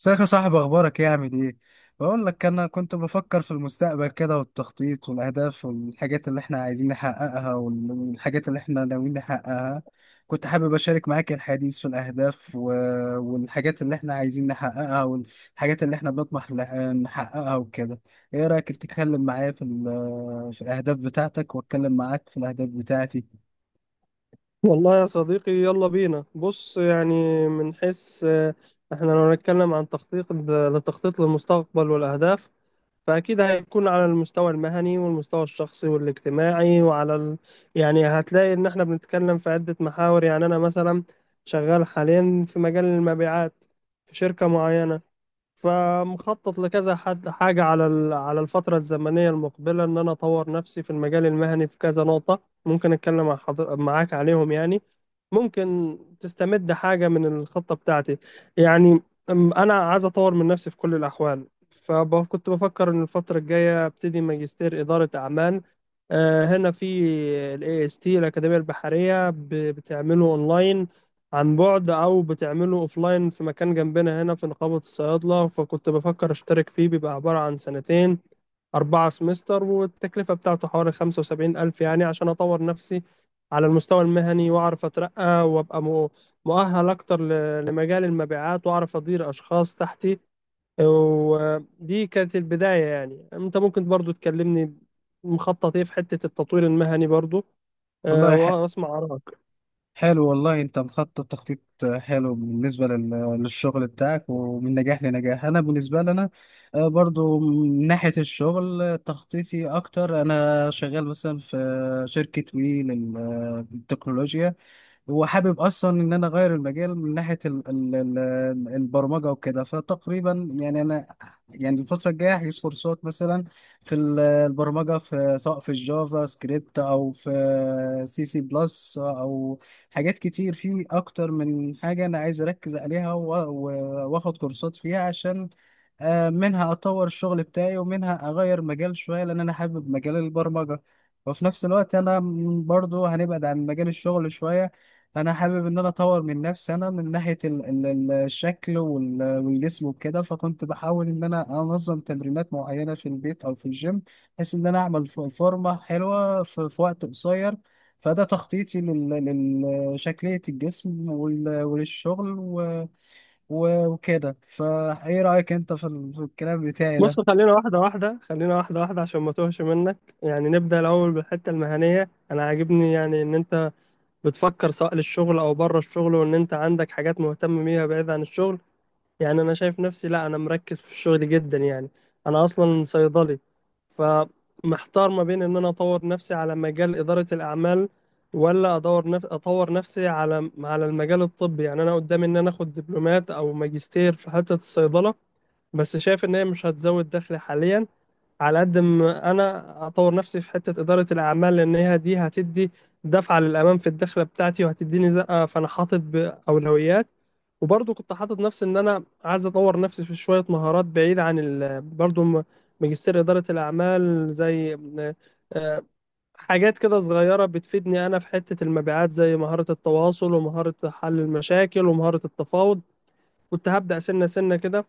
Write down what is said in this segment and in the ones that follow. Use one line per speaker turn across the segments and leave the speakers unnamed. ازيك يا صاحبي؟ اخبارك ايه؟ عامل ايه؟ بقول لك انا كنت بفكر في المستقبل كده، والتخطيط والاهداف والحاجات اللي احنا عايزين نحققها والحاجات اللي احنا ناويين نحققها. كنت حابب اشارك معاك الحديث في الاهداف والحاجات اللي احنا عايزين نحققها، والحاجات اللي احنا بنطمح نحققها وكده. ايه رايك تتكلم معايا في في الاهداف بتاعتك، واتكلم معاك في الاهداف بتاعتي؟
والله يا صديقي، يلا بينا. بص، يعني من حيث احنا لو نتكلم عن التخطيط للمستقبل والأهداف، فأكيد هيكون على المستوى المهني والمستوى الشخصي والاجتماعي وعلى يعني هتلاقي إن احنا بنتكلم في عدة محاور. يعني أنا مثلا شغال حاليا في مجال المبيعات في شركة معينة، فمخطط لكذا حد حاجة على على الفترة الزمنية المقبلة، إن أنا أطور نفسي في المجال المهني في كذا نقطة ممكن أتكلم مع معاك عليهم يعني. ممكن تستمد حاجة من الخطة بتاعتي يعني. أنا عايز أطور من نفسي في كل الأحوال، فكنت بفكر إن الفترة الجاية أبتدي ماجستير إدارة أعمال، هنا في ال AST الأكاديمية البحرية بتعمله أونلاين عن بعد، او بتعمله اوفلاين في مكان جنبنا هنا في نقابة الصيادلة. فكنت بفكر اشترك فيه، بيبقى عبارة عن سنتين، 4 سمستر، والتكلفة بتاعته حوالي 75 ألف، يعني عشان أطور نفسي على المستوى المهني وأعرف أترقى وأبقى مؤهل أكتر لمجال المبيعات وأعرف أدير أشخاص تحتي. ودي كانت البداية. يعني أنت ممكن برضو تكلمني مخطط إيه في حتة التطوير المهني برضو،
والله
وأسمع آرائك.
حلو، والله انت مخطط تخطيط حلو بالنسبة للشغل بتاعك ومن نجاح لنجاح. انا بالنسبة لي انا برضو من ناحية الشغل، تخطيطي اكتر، انا شغال مثلا في شركة وي للتكنولوجيا، وحابب اصلا ان انا اغير المجال من ناحيه ال البرمجه وكده. فتقريبا يعني انا، يعني الفتره الجايه هجيب كورسات مثلا في البرمجه، في سواء في الجافا سكريبت او في سي سي بلس، او حاجات كتير، في اكتر من حاجه انا عايز اركز عليها واخد كورسات فيها، عشان منها اطور الشغل بتاعي، ومنها اغير مجال شويه، لان انا حابب مجال البرمجه. وفي نفس الوقت انا برضو هنبعد عن مجال الشغل شويه. انا حابب ان انا اطور من نفسي، انا من ناحيه الشكل والجسم وكده، فكنت بحاول ان انا انظم تمرينات معينه في البيت او في الجيم، بحيث ان انا اعمل فورمه حلوه في وقت قصير. فده تخطيطي لشكليه الجسم وللشغل وكده. فايه رايك انت في في الكلام بتاعي
بص،
ده؟
خلينا واحدة واحدة، عشان ما توهش منك. يعني نبدأ الأول بالحتة المهنية. أنا عاجبني يعني إن أنت بتفكر سواء للشغل أو بره الشغل، وإن أنت عندك حاجات مهتم بيها بعيد عن الشغل. يعني أنا شايف نفسي، لا، أنا مركز في الشغل جدا يعني. أنا أصلا صيدلي، فمحتار ما بين إن أنا أطور نفسي على مجال إدارة الأعمال، ولا أطور نفسي على المجال الطبي. يعني أنا قدامي إن أنا آخد دبلومات أو ماجستير في حتة الصيدلة، بس شايف إن هي مش هتزود دخلي حاليا على قد ما انا اطور نفسي في حته اداره الاعمال، لان هي دي هتدي دفعه للامام في الدخله بتاعتي وهتديني زقه. فانا حاطط باولويات، وبرضه كنت حاطط نفسي ان انا عايز اطور نفسي في شويه مهارات بعيده عن ماجستير اداره الاعمال، زي آه، حاجات كده صغيره بتفيدني انا في حته المبيعات زي مهاره التواصل ومهاره حل المشاكل ومهاره التفاوض. كنت هبدا سنه سنه كده.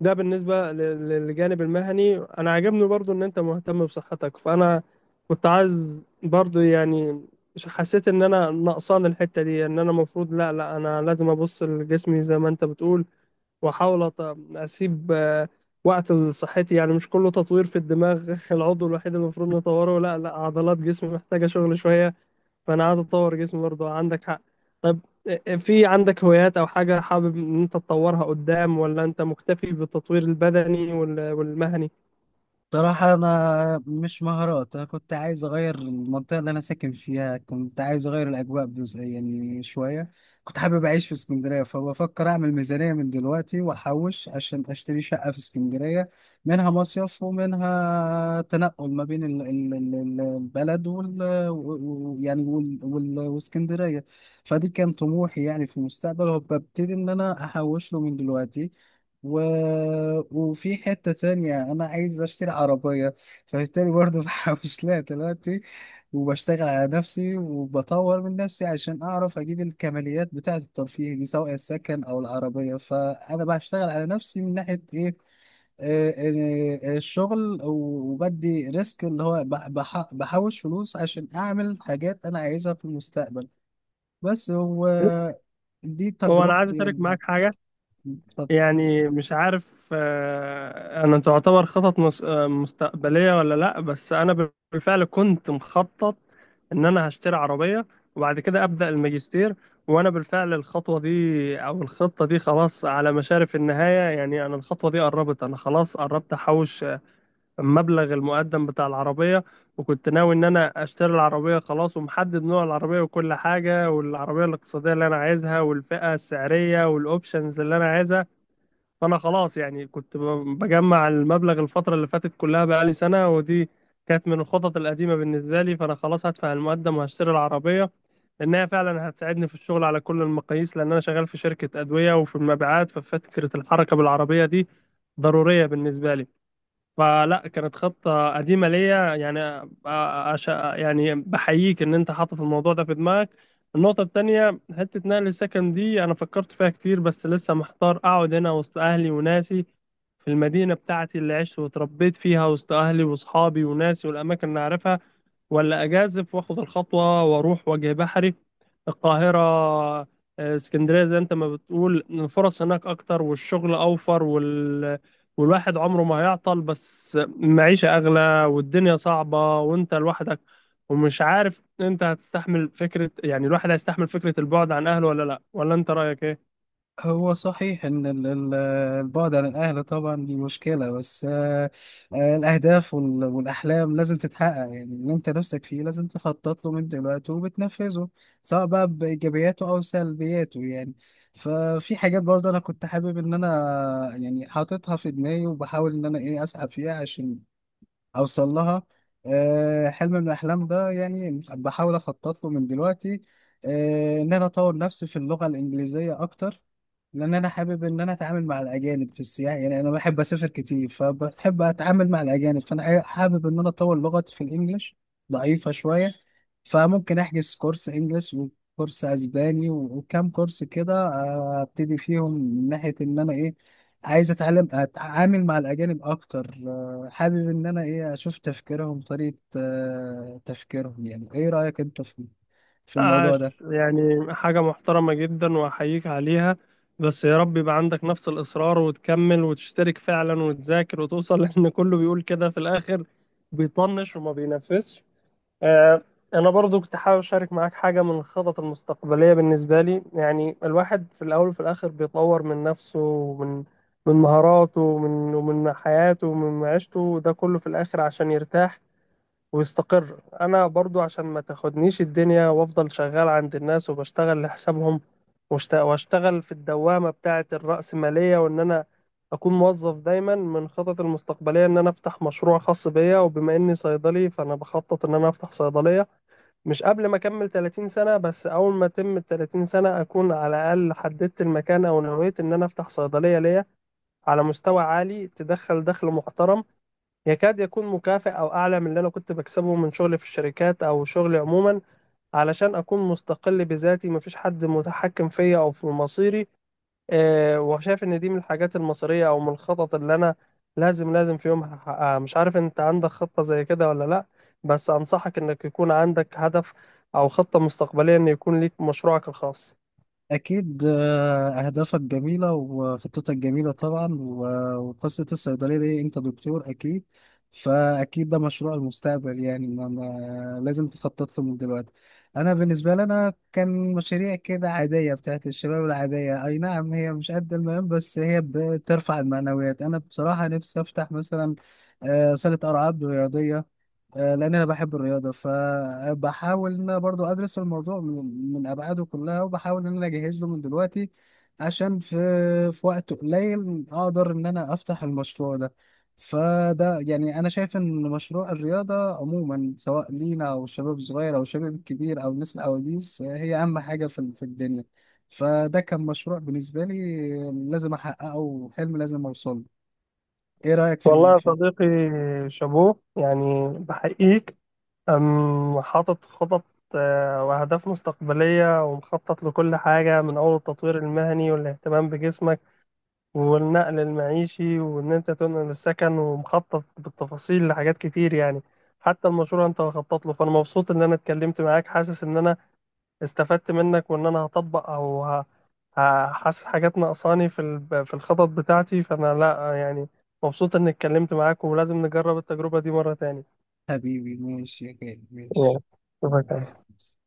ده بالنسبة للجانب المهني. أنا عجبني برضو إن أنت مهتم بصحتك، فأنا كنت عايز برضو يعني حسيت إن أنا نقصان الحتة دي، إن أنا المفروض لا لا أنا لازم أبص لجسمي زي ما أنت بتقول، وأحاول أسيب وقت لصحتي، يعني مش كله تطوير في الدماغ العضو الوحيد اللي المفروض نطوره. لا لا، عضلات جسمي محتاجة شغل شوية. فانا عايز اطور جسمي برضه، عندك حق. طب إيه، إيه، في عندك هوايات او حاجه حابب ان انت تطورها قدام، ولا انت مكتفي بالتطوير البدني والمهني؟
صراحة أنا مش مهارات، أنا كنت عايز أغير المنطقة اللي أنا ساكن فيها، كنت عايز أغير الأجواء يعني شوية. كنت حابب أعيش في اسكندرية، فبفكر أعمل ميزانية من دلوقتي وأحوش عشان أشتري شقة في اسكندرية، منها مصيف ومنها تنقل ما بين البلد وال يعني واسكندرية. فدي كان طموحي يعني في المستقبل، وببتدي إن أنا أحوش له من دلوقتي. و... وفي حتة تانية أنا عايز أشتري عربية، فبالتالي برضه بحوش لها دلوقتي، وبشتغل على نفسي وبطور من نفسي عشان أعرف أجيب الكماليات بتاعة الترفيه دي، سواء السكن أو العربية. فأنا بشتغل على نفسي من ناحية إيه؟ الشغل، وبدي ريسك، اللي هو بحوش فلوس عشان أعمل حاجات أنا عايزها في المستقبل. بس هو دي
هو انا عايز
تجربتي
اشارك
يعني.
معاك حاجه
مع-
يعني، مش عارف انا تعتبر خطط مستقبليه ولا لا، بس انا بالفعل كنت مخطط ان انا هشتري عربيه وبعد كده ابدا الماجستير. وانا بالفعل الخطوه دي، او الخطه دي خلاص على مشارف النهايه. يعني انا الخطوه دي قربت، انا خلاص قربت احوش مبلغ المقدم بتاع العربية. وكنت ناوي إن أنا أشتري العربية خلاص، ومحدد نوع العربية وكل حاجة والعربية الاقتصادية اللي أنا عايزها والفئة السعرية والأوبشنز اللي أنا عايزها. فأنا خلاص يعني كنت بجمع المبلغ الفترة اللي فاتت كلها، بقالي سنة، ودي كانت من الخطط القديمة بالنسبة لي. فأنا خلاص هدفع المقدم وهشتري العربية، لأنها فعلا هتساعدني في الشغل على كل المقاييس، لأن أنا شغال في شركة أدوية وفي المبيعات، ففكرة الحركة بالعربية دي ضرورية بالنسبة لي. فلا، كانت خطة قديمة ليا يعني. يعني بحييك إن أنت حاطط الموضوع ده في دماغك. النقطة التانية، حتة نقل السكن دي أنا فكرت فيها كتير، بس لسه محتار أقعد هنا وسط أهلي وناسي في المدينة بتاعتي اللي عشت واتربيت فيها وسط أهلي وأصحابي وناسي والأماكن اللي أعرفها، ولا أجازف وآخد الخطوة وأروح وجه بحري، القاهرة، اسكندرية، زي أنت ما بتقول إن الفرص هناك أكتر والشغل أوفر والواحد عمره ما هيعطل. بس المعيشة أغلى والدنيا صعبة وأنت لوحدك، ومش عارف أنت هتستحمل فكرة، يعني الواحد هيستحمل فكرة البعد عن أهله ولا لأ، ولا أنت رأيك إيه؟
هو صحيح ان البعد عن الاهل طبعا دي مشكله، بس الاهداف والاحلام لازم تتحقق. يعني اللي انت نفسك فيه لازم تخطط له من دلوقتي وبتنفذه، سواء بقى بايجابياته او سلبياته يعني. ففي حاجات برضه انا كنت حابب ان انا يعني حاططها في دماغي، وبحاول ان انا ايه اسعى فيها عشان اوصل لها. حلم من الاحلام ده يعني بحاول اخطط له من دلوقتي. ان انا اطور نفسي في اللغه الانجليزيه اكتر، لان انا حابب ان انا اتعامل مع الاجانب في السياحه. يعني انا بحب اسافر كتير، فبحب اتعامل مع الاجانب، فانا حابب ان انا اطور لغتي في الانجليش، ضعيفه شويه. فممكن احجز كورس انجليش وكورس اسباني وكام كورس كده، ابتدي فيهم من ناحيه ان انا ايه؟ عايز اتعلم اتعامل مع الاجانب اكتر. حابب ان انا ايه اشوف تفكيرهم، طريقه تفكيرهم يعني. ايه رايك انت في في الموضوع ده؟
عاش، يعني حاجة محترمة جدا وأحييك عليها. بس يا رب يبقى عندك نفس الإصرار وتكمل وتشترك فعلا وتذاكر وتوصل، لأن كله بيقول كده في الآخر بيطنش وما بينفذش. آه. أنا برضو كنت حابب أشارك معاك حاجة من الخطط المستقبلية بالنسبة لي. يعني الواحد في الأول وفي الآخر بيطور من نفسه ومن مهاراته ومن حياته ومن معيشته، وده كله في الآخر عشان يرتاح ويستقر. انا برضو عشان ما تاخدنيش الدنيا وافضل شغال عند الناس وبشتغل لحسابهم واشتغل في الدوامة بتاعة الرأسمالية، وان انا اكون موظف دايما، من خطط المستقبلية ان انا افتح مشروع خاص بيا. وبما اني صيدلي فانا بخطط ان انا افتح صيدلية مش قبل ما اكمل 30 سنة، بس اول ما اتم ال 30 سنة اكون على الاقل حددت المكان او نويت ان انا افتح صيدلية ليا على مستوى عالي تدخل دخل محترم، يكاد يكون مكافئ او اعلى من اللي انا كنت بكسبه من شغلي في الشركات او شغلي عموما، علشان اكون مستقل بذاتي، مفيش حد متحكم فيا او في مصيري. وشايف ان دي من الحاجات المصيرية او من الخطط اللي انا لازم لازم في يوم هحققها. مش عارف انت عندك خطة زي كده ولا لا، بس انصحك انك يكون عندك هدف او خطة مستقبلية ان يكون ليك مشروعك الخاص.
أكيد، أهدافك جميلة وخطتك جميلة طبعا، وقصة الصيدلية دي أنت دكتور أكيد، فأكيد ده مشروع المستقبل، يعني ما لازم تخطط له من دلوقتي. أنا بالنسبة لي أنا كان مشاريع كده عادية بتاعت الشباب العادية، أي نعم هي مش قد المهم، بس هي بترفع المعنويات. أنا بصراحة نفسي أفتح مثلا صالة ألعاب رياضية، لان انا بحب الرياضه، فبحاول ان انا برضو ادرس الموضوع من ابعاده كلها، وبحاول ان انا اجهز له من دلوقتي، عشان في وقت قليل اقدر ان انا افتح المشروع ده. فده يعني انا شايف ان مشروع الرياضه عموما، سواء لينا او الشباب الصغير او الشباب الكبير او الناس العواجيز، هي اهم حاجه في الدنيا. فده كان مشروع بالنسبه لي لازم احققه، وحلم لازم اوصله. ايه رايك
والله
في
يا
في؟
صديقي، شابوه يعني، بحقيقك. أم حاطط خطط وأهداف مستقبلية ومخطط لكل حاجة من أول التطوير المهني والاهتمام بجسمك والنقل المعيشي وإن أنت تنقل السكن، ومخطط بالتفاصيل لحاجات كتير يعني، حتى المشروع أنت مخطط له. فأنا مبسوط إن أنا اتكلمت معاك، حاسس إن أنا استفدت منك، وإن أنا هطبق حاسس حاجات ناقصاني في في الخطط بتاعتي، فأنا لأ يعني مبسوط إني اتكلمت معاك ولازم نجرب التجربة دي مرة تاني.
حبيبي ماشي يا غالي،
Yeah.
ماشي. يلا
شوفك.
سلام.